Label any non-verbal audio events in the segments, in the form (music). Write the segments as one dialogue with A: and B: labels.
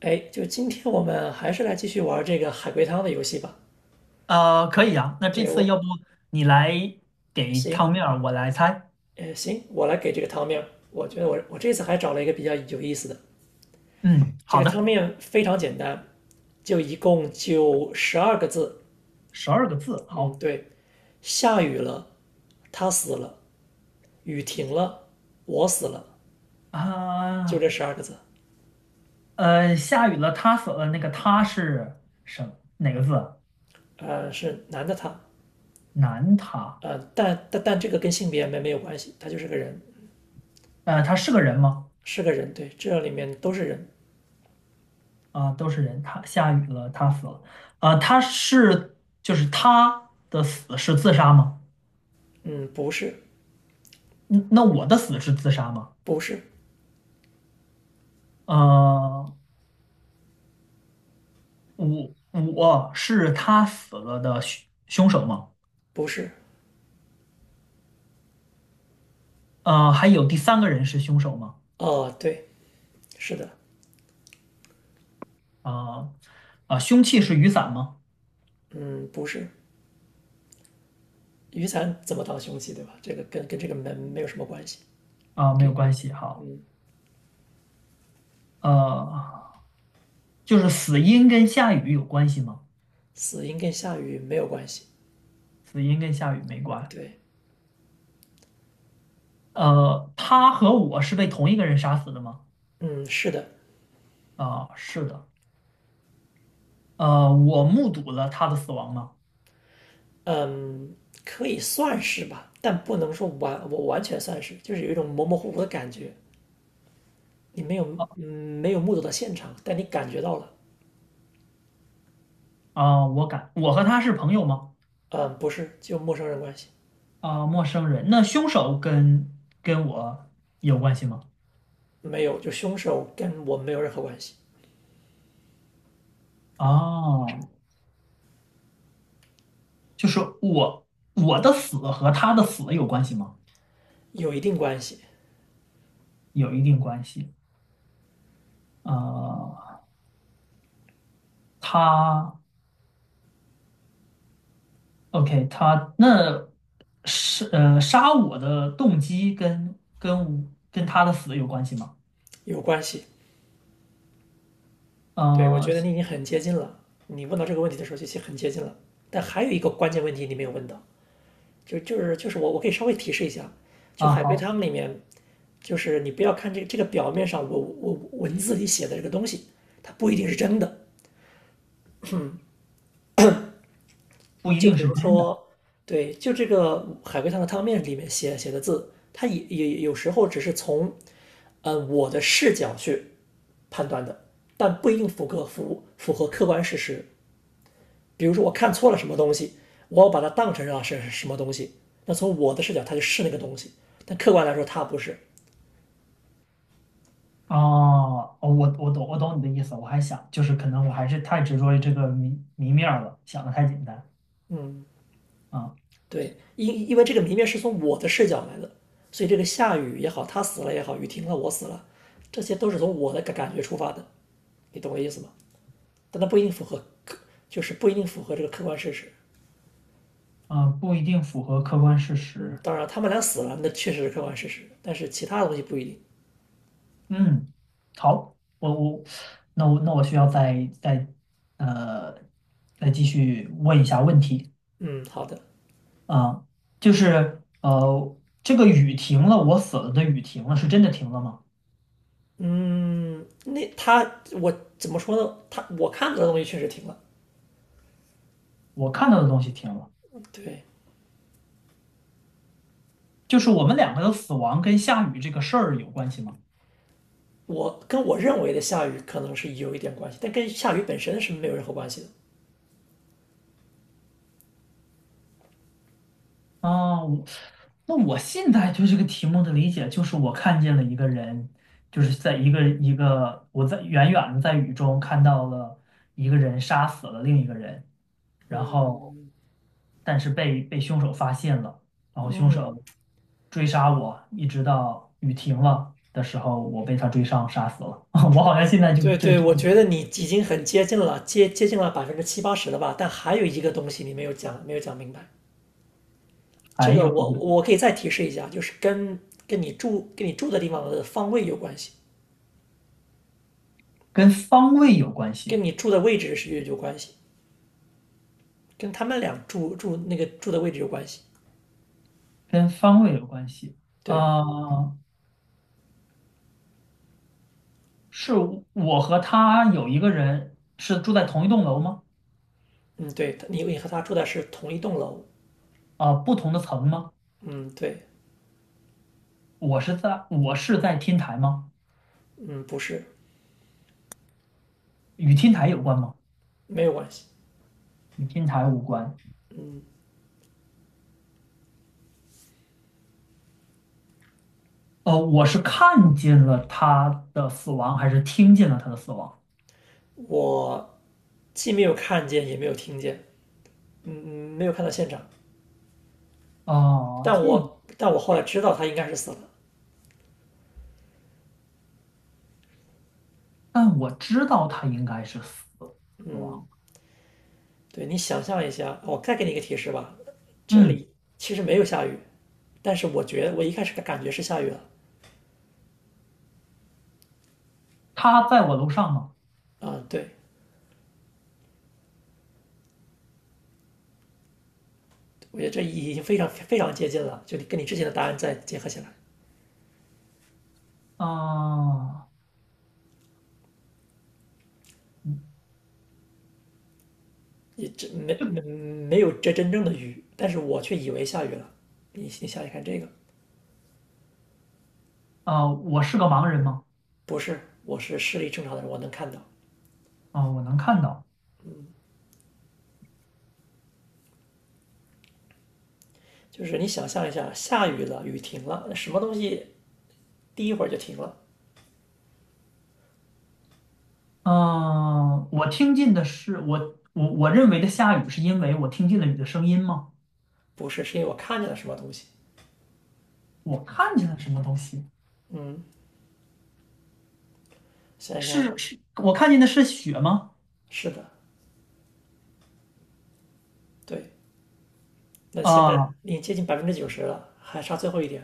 A: 哎，就今天我们还是来继续玩这个海龟汤的游戏吧。
B: 可以啊。那这
A: 对，
B: 次要
A: 我，
B: 不你来给
A: 行。
B: 汤面儿，我来猜。
A: 行，我来给这个汤面。我觉得我这次还找了一个比较有意思的，
B: 嗯，
A: 这
B: 好
A: 个汤
B: 的，
A: 面非常简单，就一共就十二个字。
B: 十二个字。
A: 嗯，
B: 好
A: 对，下雨了，他死了；雨停了，我死了，就
B: 啊，
A: 这十二个字。
B: 下雨了，他死了。那个他是哪个字？
A: 呃，是男的他。
B: 男他。
A: 但这个跟性别没有关系，他就是个人，
B: 他是个人吗？
A: 是个人。对，这里面都是人。
B: 啊，都是人。他下雨了，他死了。啊，他是就是他的死是自杀吗？
A: 嗯，不是。
B: 嗯那我的死是自杀吗？
A: 不是。
B: 呃，我我是他死了的凶手吗？
A: 不是。
B: 呃，还有第三个人是凶手吗？
A: 哦，对，是的。
B: 啊、啊、凶器是雨伞吗？
A: 嗯，不是，雨伞怎么当凶器，对吧？这个跟这个门没有什么关系。
B: 啊、没有
A: 给。
B: 关系。好，呃，就是死因跟下雨有关系吗？
A: 死因跟下雨没有关系。
B: 死因跟下雨没关。
A: 对。
B: 他和我是被同一个人杀死的吗？
A: 嗯，是的。
B: 啊、是的。我目睹了他的死亡吗？
A: 嗯，可以算是吧，但不能说完，我完全算是，就是有一种模模糊糊的感觉。你没有，嗯，没有目睹到现场，但你感觉到了。
B: 啊、我敢。我和他是朋友吗？
A: 嗯，不是，就陌生人关系。
B: 啊、陌生人。那凶手跟我有关系吗？
A: 没有，就凶手跟我没有任何关系。
B: 哦，就是我的死和他的死有关系吗？
A: 有一定关系。
B: 有一定关系。呃，他 OK,他那是杀我的动机跟他的死有关系吗？
A: 有关系。对，我
B: 呃
A: 觉得你已经很接近了。你问到这个问题的时候，就已经很接近了。但还有一个关键问题你没有问到，就是我可以稍微提示一下，就
B: 啊，
A: 海龟
B: 好，
A: 汤里面，就是你不要看这个表面上我文字里写的这个东西，它不一定是真的。
B: 不一
A: 就
B: 定
A: 比
B: 是
A: 如
B: 真的。
A: 说，对，就这个海龟汤的汤面里面写的字，它也有时候只是从嗯我的视角去判断的，但不一定符合客观事实。比如说我看错了什么东西，我把它当成是什么东西，那从我的视角它就是那个东西，但客观来说它不是。
B: 哦，我懂我懂你的意思，我还想就是可能我还是太执着于这个谜面儿了，想的太简单
A: 嗯，
B: 啊。
A: 对，因为这个谜面是从我的视角来的，所以这个下雨也好，他死了也好，雨停了我死了，这些都是从我的感觉出发的，你懂我意思吗？但它不一定符合，就是不一定符合这个客观事实。
B: 啊，不一定符合客观事
A: 嗯，
B: 实。
A: 当然他们俩死了，那确实是客观事实，但是其他的东西不一定。
B: 嗯，好，我那我需要再呃再继续问一下问题。
A: 嗯，好的。
B: 啊，就是这个雨停了，我死了的雨停了，是真的停了吗？
A: 嗯，那他我怎么说呢？他我看到的东西确实停了。
B: 我看到的东西停了，
A: 对，
B: 就是我们两个的死亡跟下雨这个事儿有关系吗？
A: 我跟我认为的下雨可能是有一点关系，但跟下雨本身是没有任何关系的。
B: 啊，我那我现在对这个题目的理解就是我看见了一个人，就是在一个我在远远的在雨中看到了一个人杀死了另一个人。然后
A: 嗯
B: 但是被凶手发现了，然后凶
A: 嗯，
B: 手追杀我，一直到雨停了的时候，我被他追上杀死了。(laughs) 我好像现在就
A: 对对，
B: 这
A: 我觉得你已经很接近了，接近了70%到80%了吧？但还有一个东西你没有讲，没有讲明白。这
B: 还
A: 个
B: 有一
A: 我
B: 个
A: 我可以再提示一下，就是跟你住的地方的方位有关系，
B: 跟方位有关系，
A: 跟你住的位置是有关系，跟他们俩住住那个住的位置有关系。
B: 跟方位有关系。
A: 对。
B: 呃，是我和他有一个人是住在同一栋楼吗？
A: 嗯，对，你和他住的是同一栋楼。
B: 啊、不同的层吗？
A: 嗯，对。
B: 我是在天台吗？
A: 嗯，不是。
B: 与天台有关吗？
A: 没有关系。
B: 与天台无关。哦，我是看见了他的死亡，还是听见了他的死亡？
A: 我既没有看见，也没有听见，嗯，嗯没有看到现场。
B: 哦，
A: 但
B: 进，
A: 我但我后来知道他应该是死了。
B: 但我知道他应该是死亡了。
A: 对，你想象一下，我再给你一个提示吧，这
B: 嗯，
A: 里其实没有下雨，但是我觉得我一开始的感觉是下雨了。
B: 他在我楼上吗？
A: 啊、对，我觉得这已经非常非常接近了，就你跟你之前的答案再结合起来，
B: 啊、嗯。
A: 也这没有这真正的雨，但是我却以为下雨了。你想想看这个。
B: 啊、我是个盲人吗？
A: 不是，我是视力正常的人，我能看到。
B: 啊、我能看到。
A: 就是你想象一下，下雨了，雨停了，那什么东西第一会儿就停了？
B: 嗯、我听见的是我认为的下雨，是因为我听见了雨的声音吗？
A: 不是，是因为我看见了什么东西。
B: 我看见了什么东西？
A: 想在看，
B: 是，我看见的是雪吗？
A: 是的，对。那现
B: 啊、
A: 在已经接近90%了，还差最后一点。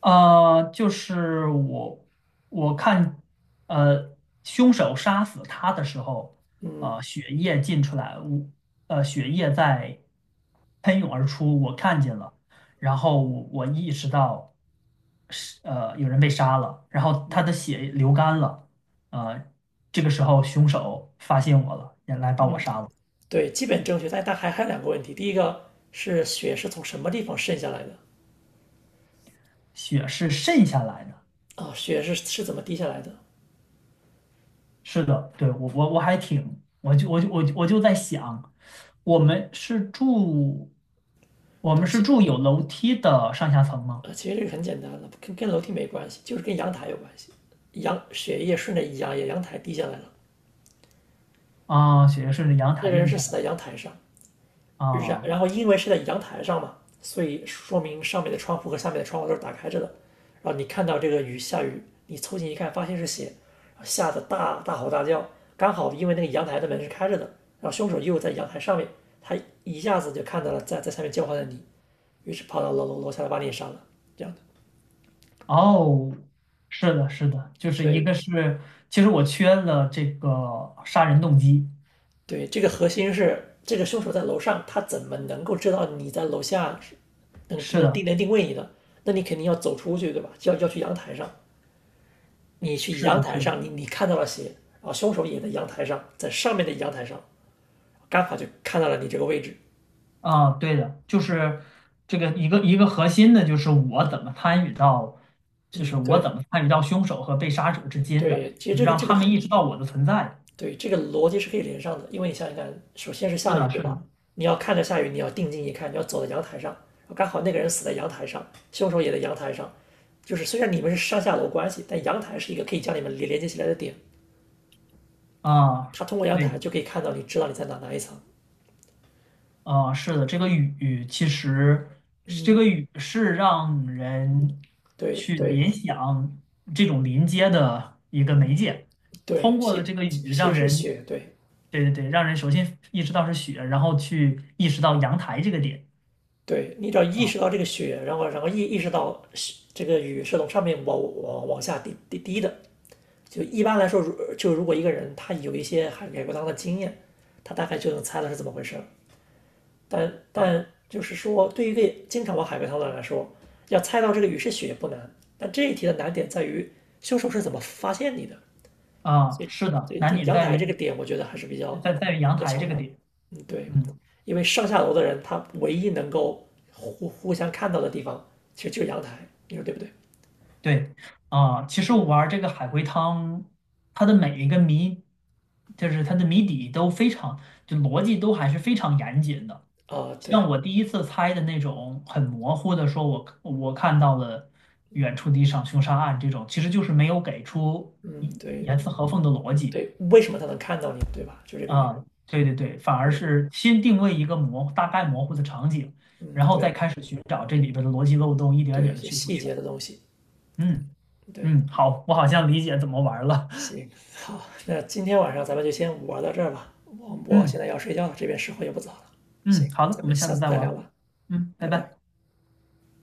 B: 呃，就是我我看，呃，凶手杀死他的时候，
A: 嗯，
B: 血液进出来，血液在喷涌而出，我看见了，然后我意识到是有人被杀了，然后他的血流干了，呃，这个时候凶手发现我了，也来把我杀了，
A: 对，基本正确，但还有两个问题。第一个是雪是从什么地方渗下来的？
B: 血是渗下来的。
A: 啊，雪是怎么滴下来的？
B: 是的，对，我我还挺，我就在想，我们是住，我
A: 对，
B: 们
A: 不
B: 是
A: 起，
B: 住有楼梯的上下层吗？
A: 呃其实这个很简单的，跟楼梯没关系，就是跟阳台有关系。血液顺着阳台滴下来了，
B: 啊，雪是顺着阳
A: 那个
B: 台
A: 人
B: 底
A: 是
B: 下
A: 死
B: 的
A: 在阳台上，然
B: 啊。
A: 然后因为是在阳台上嘛，所以说明上面的窗户和下面的窗户都是打开着的。然后你看到这个雨下雨，你凑近一看，发现是血，吓得大吼大叫。刚好因为那个阳台的门是开着的，然后凶手又在阳台上面，他一下子就看到了在下面叫唤的你，于是跑到楼下来把你也杀了。这样的。
B: 哦，是的，是的，就是一
A: 对
B: 个是，其实我缺了这个杀人动机，
A: 对，这个核心是这个凶手在楼上，他怎么能够知道你在楼下，是能
B: 是
A: 能
B: 的，
A: 定能定位你的？那你肯定要走出去，对吧？就要去阳台上，你去
B: 是
A: 阳
B: 的，
A: 台
B: 是的，
A: 上，你看到了血，然后凶手也在阳台上，在上面的阳台上，刚好就看到了你这个位置。
B: 啊，对的，就是这个一个核心的，就是我怎么参与到，就
A: 嗯，
B: 是我
A: 对
B: 怎么参与到凶手和被杀者之间的，
A: 对，其实这个
B: 让
A: 这个
B: 他们意识到我的存在。
A: 对，这个逻辑是可以连上的，因为你想想看，首先是
B: 是
A: 下雨，
B: 的，
A: 对
B: 是
A: 吧？
B: 的，
A: 你要看着下雨，你要定睛一看，你要走到阳台上，哦，刚好那个人死在阳台上，凶手也在阳台上，就是虽然你们是上下楼关系，但阳台是一个可以将你们连接起来的点，
B: 啊，
A: 他通过阳
B: 对，
A: 台就可以看到你，知道你在哪一层。
B: 啊，是的，这个雨其实这
A: 嗯，
B: 个雨是让人
A: 对
B: 去
A: 对
B: 联想这种临街的一个媒介，
A: 对，
B: 通过
A: 其
B: 了这个
A: 其
B: 雨
A: 其实
B: 让
A: 是
B: 人，
A: 血，对
B: 对对对，让人首先意识到是雪，然后去意识到阳台这个点。
A: 对，你只要意
B: 啊。
A: 识到这个雪，然后意识到是这个雨是从上面往下滴的，就一般来说，如果一个人他有一些海龟汤的经验，他大概就能猜到是怎么回事儿。但就是说，对于一个经常玩海龟汤的人来说，要猜到这个雨是雪不难，但这一题的难点在于凶手是怎么发现你的。
B: 啊，是的，
A: 对
B: 难
A: 对，
B: 点
A: 阳
B: 在
A: 台这个
B: 于
A: 点我觉得还是比较
B: 在于阳
A: 比较
B: 台
A: 巧
B: 这个
A: 妙的。
B: 点。
A: 嗯，对，
B: 嗯，
A: 因为上下楼的人他唯一能够互相看到的地方，其实就是阳台，你说对不对？
B: 对，啊，其实我
A: 对，
B: 玩这个海龟汤，它的每一个谜，就是它的谜底都非常，就逻辑都还是非常严谨的。
A: 啊，
B: 像
A: 对，
B: 我第一次猜的那种很模糊的，说我看到了远处的一场凶杀案这种，其实就是没有给出
A: 嗯，
B: 一
A: 对
B: 严丝合缝的逻辑。
A: 对，为什么他能看到你，对吧？就这个原因。
B: 啊，对对对，反而
A: 对，
B: 是先定位一个大概模糊的场景，
A: 嗯，
B: 然后再
A: 对
B: 开始寻找这里边的逻辑漏洞，一点
A: 对，
B: 点
A: 一
B: 的
A: 些
B: 去补
A: 细
B: 全。
A: 节的东西。
B: 嗯。
A: 对，
B: 嗯，好，我好像理解怎么玩了。
A: 行，好，那今天晚上咱们就先玩到这儿吧。我
B: (laughs)
A: 我现
B: 嗯。
A: 在要睡觉了，这边时候也不早了。
B: 嗯，
A: 行，
B: 好的，
A: 咱
B: 我
A: 们
B: 们下
A: 下
B: 次
A: 次
B: 再
A: 再聊
B: 玩。
A: 吧，
B: 嗯，拜
A: 拜拜。
B: 拜。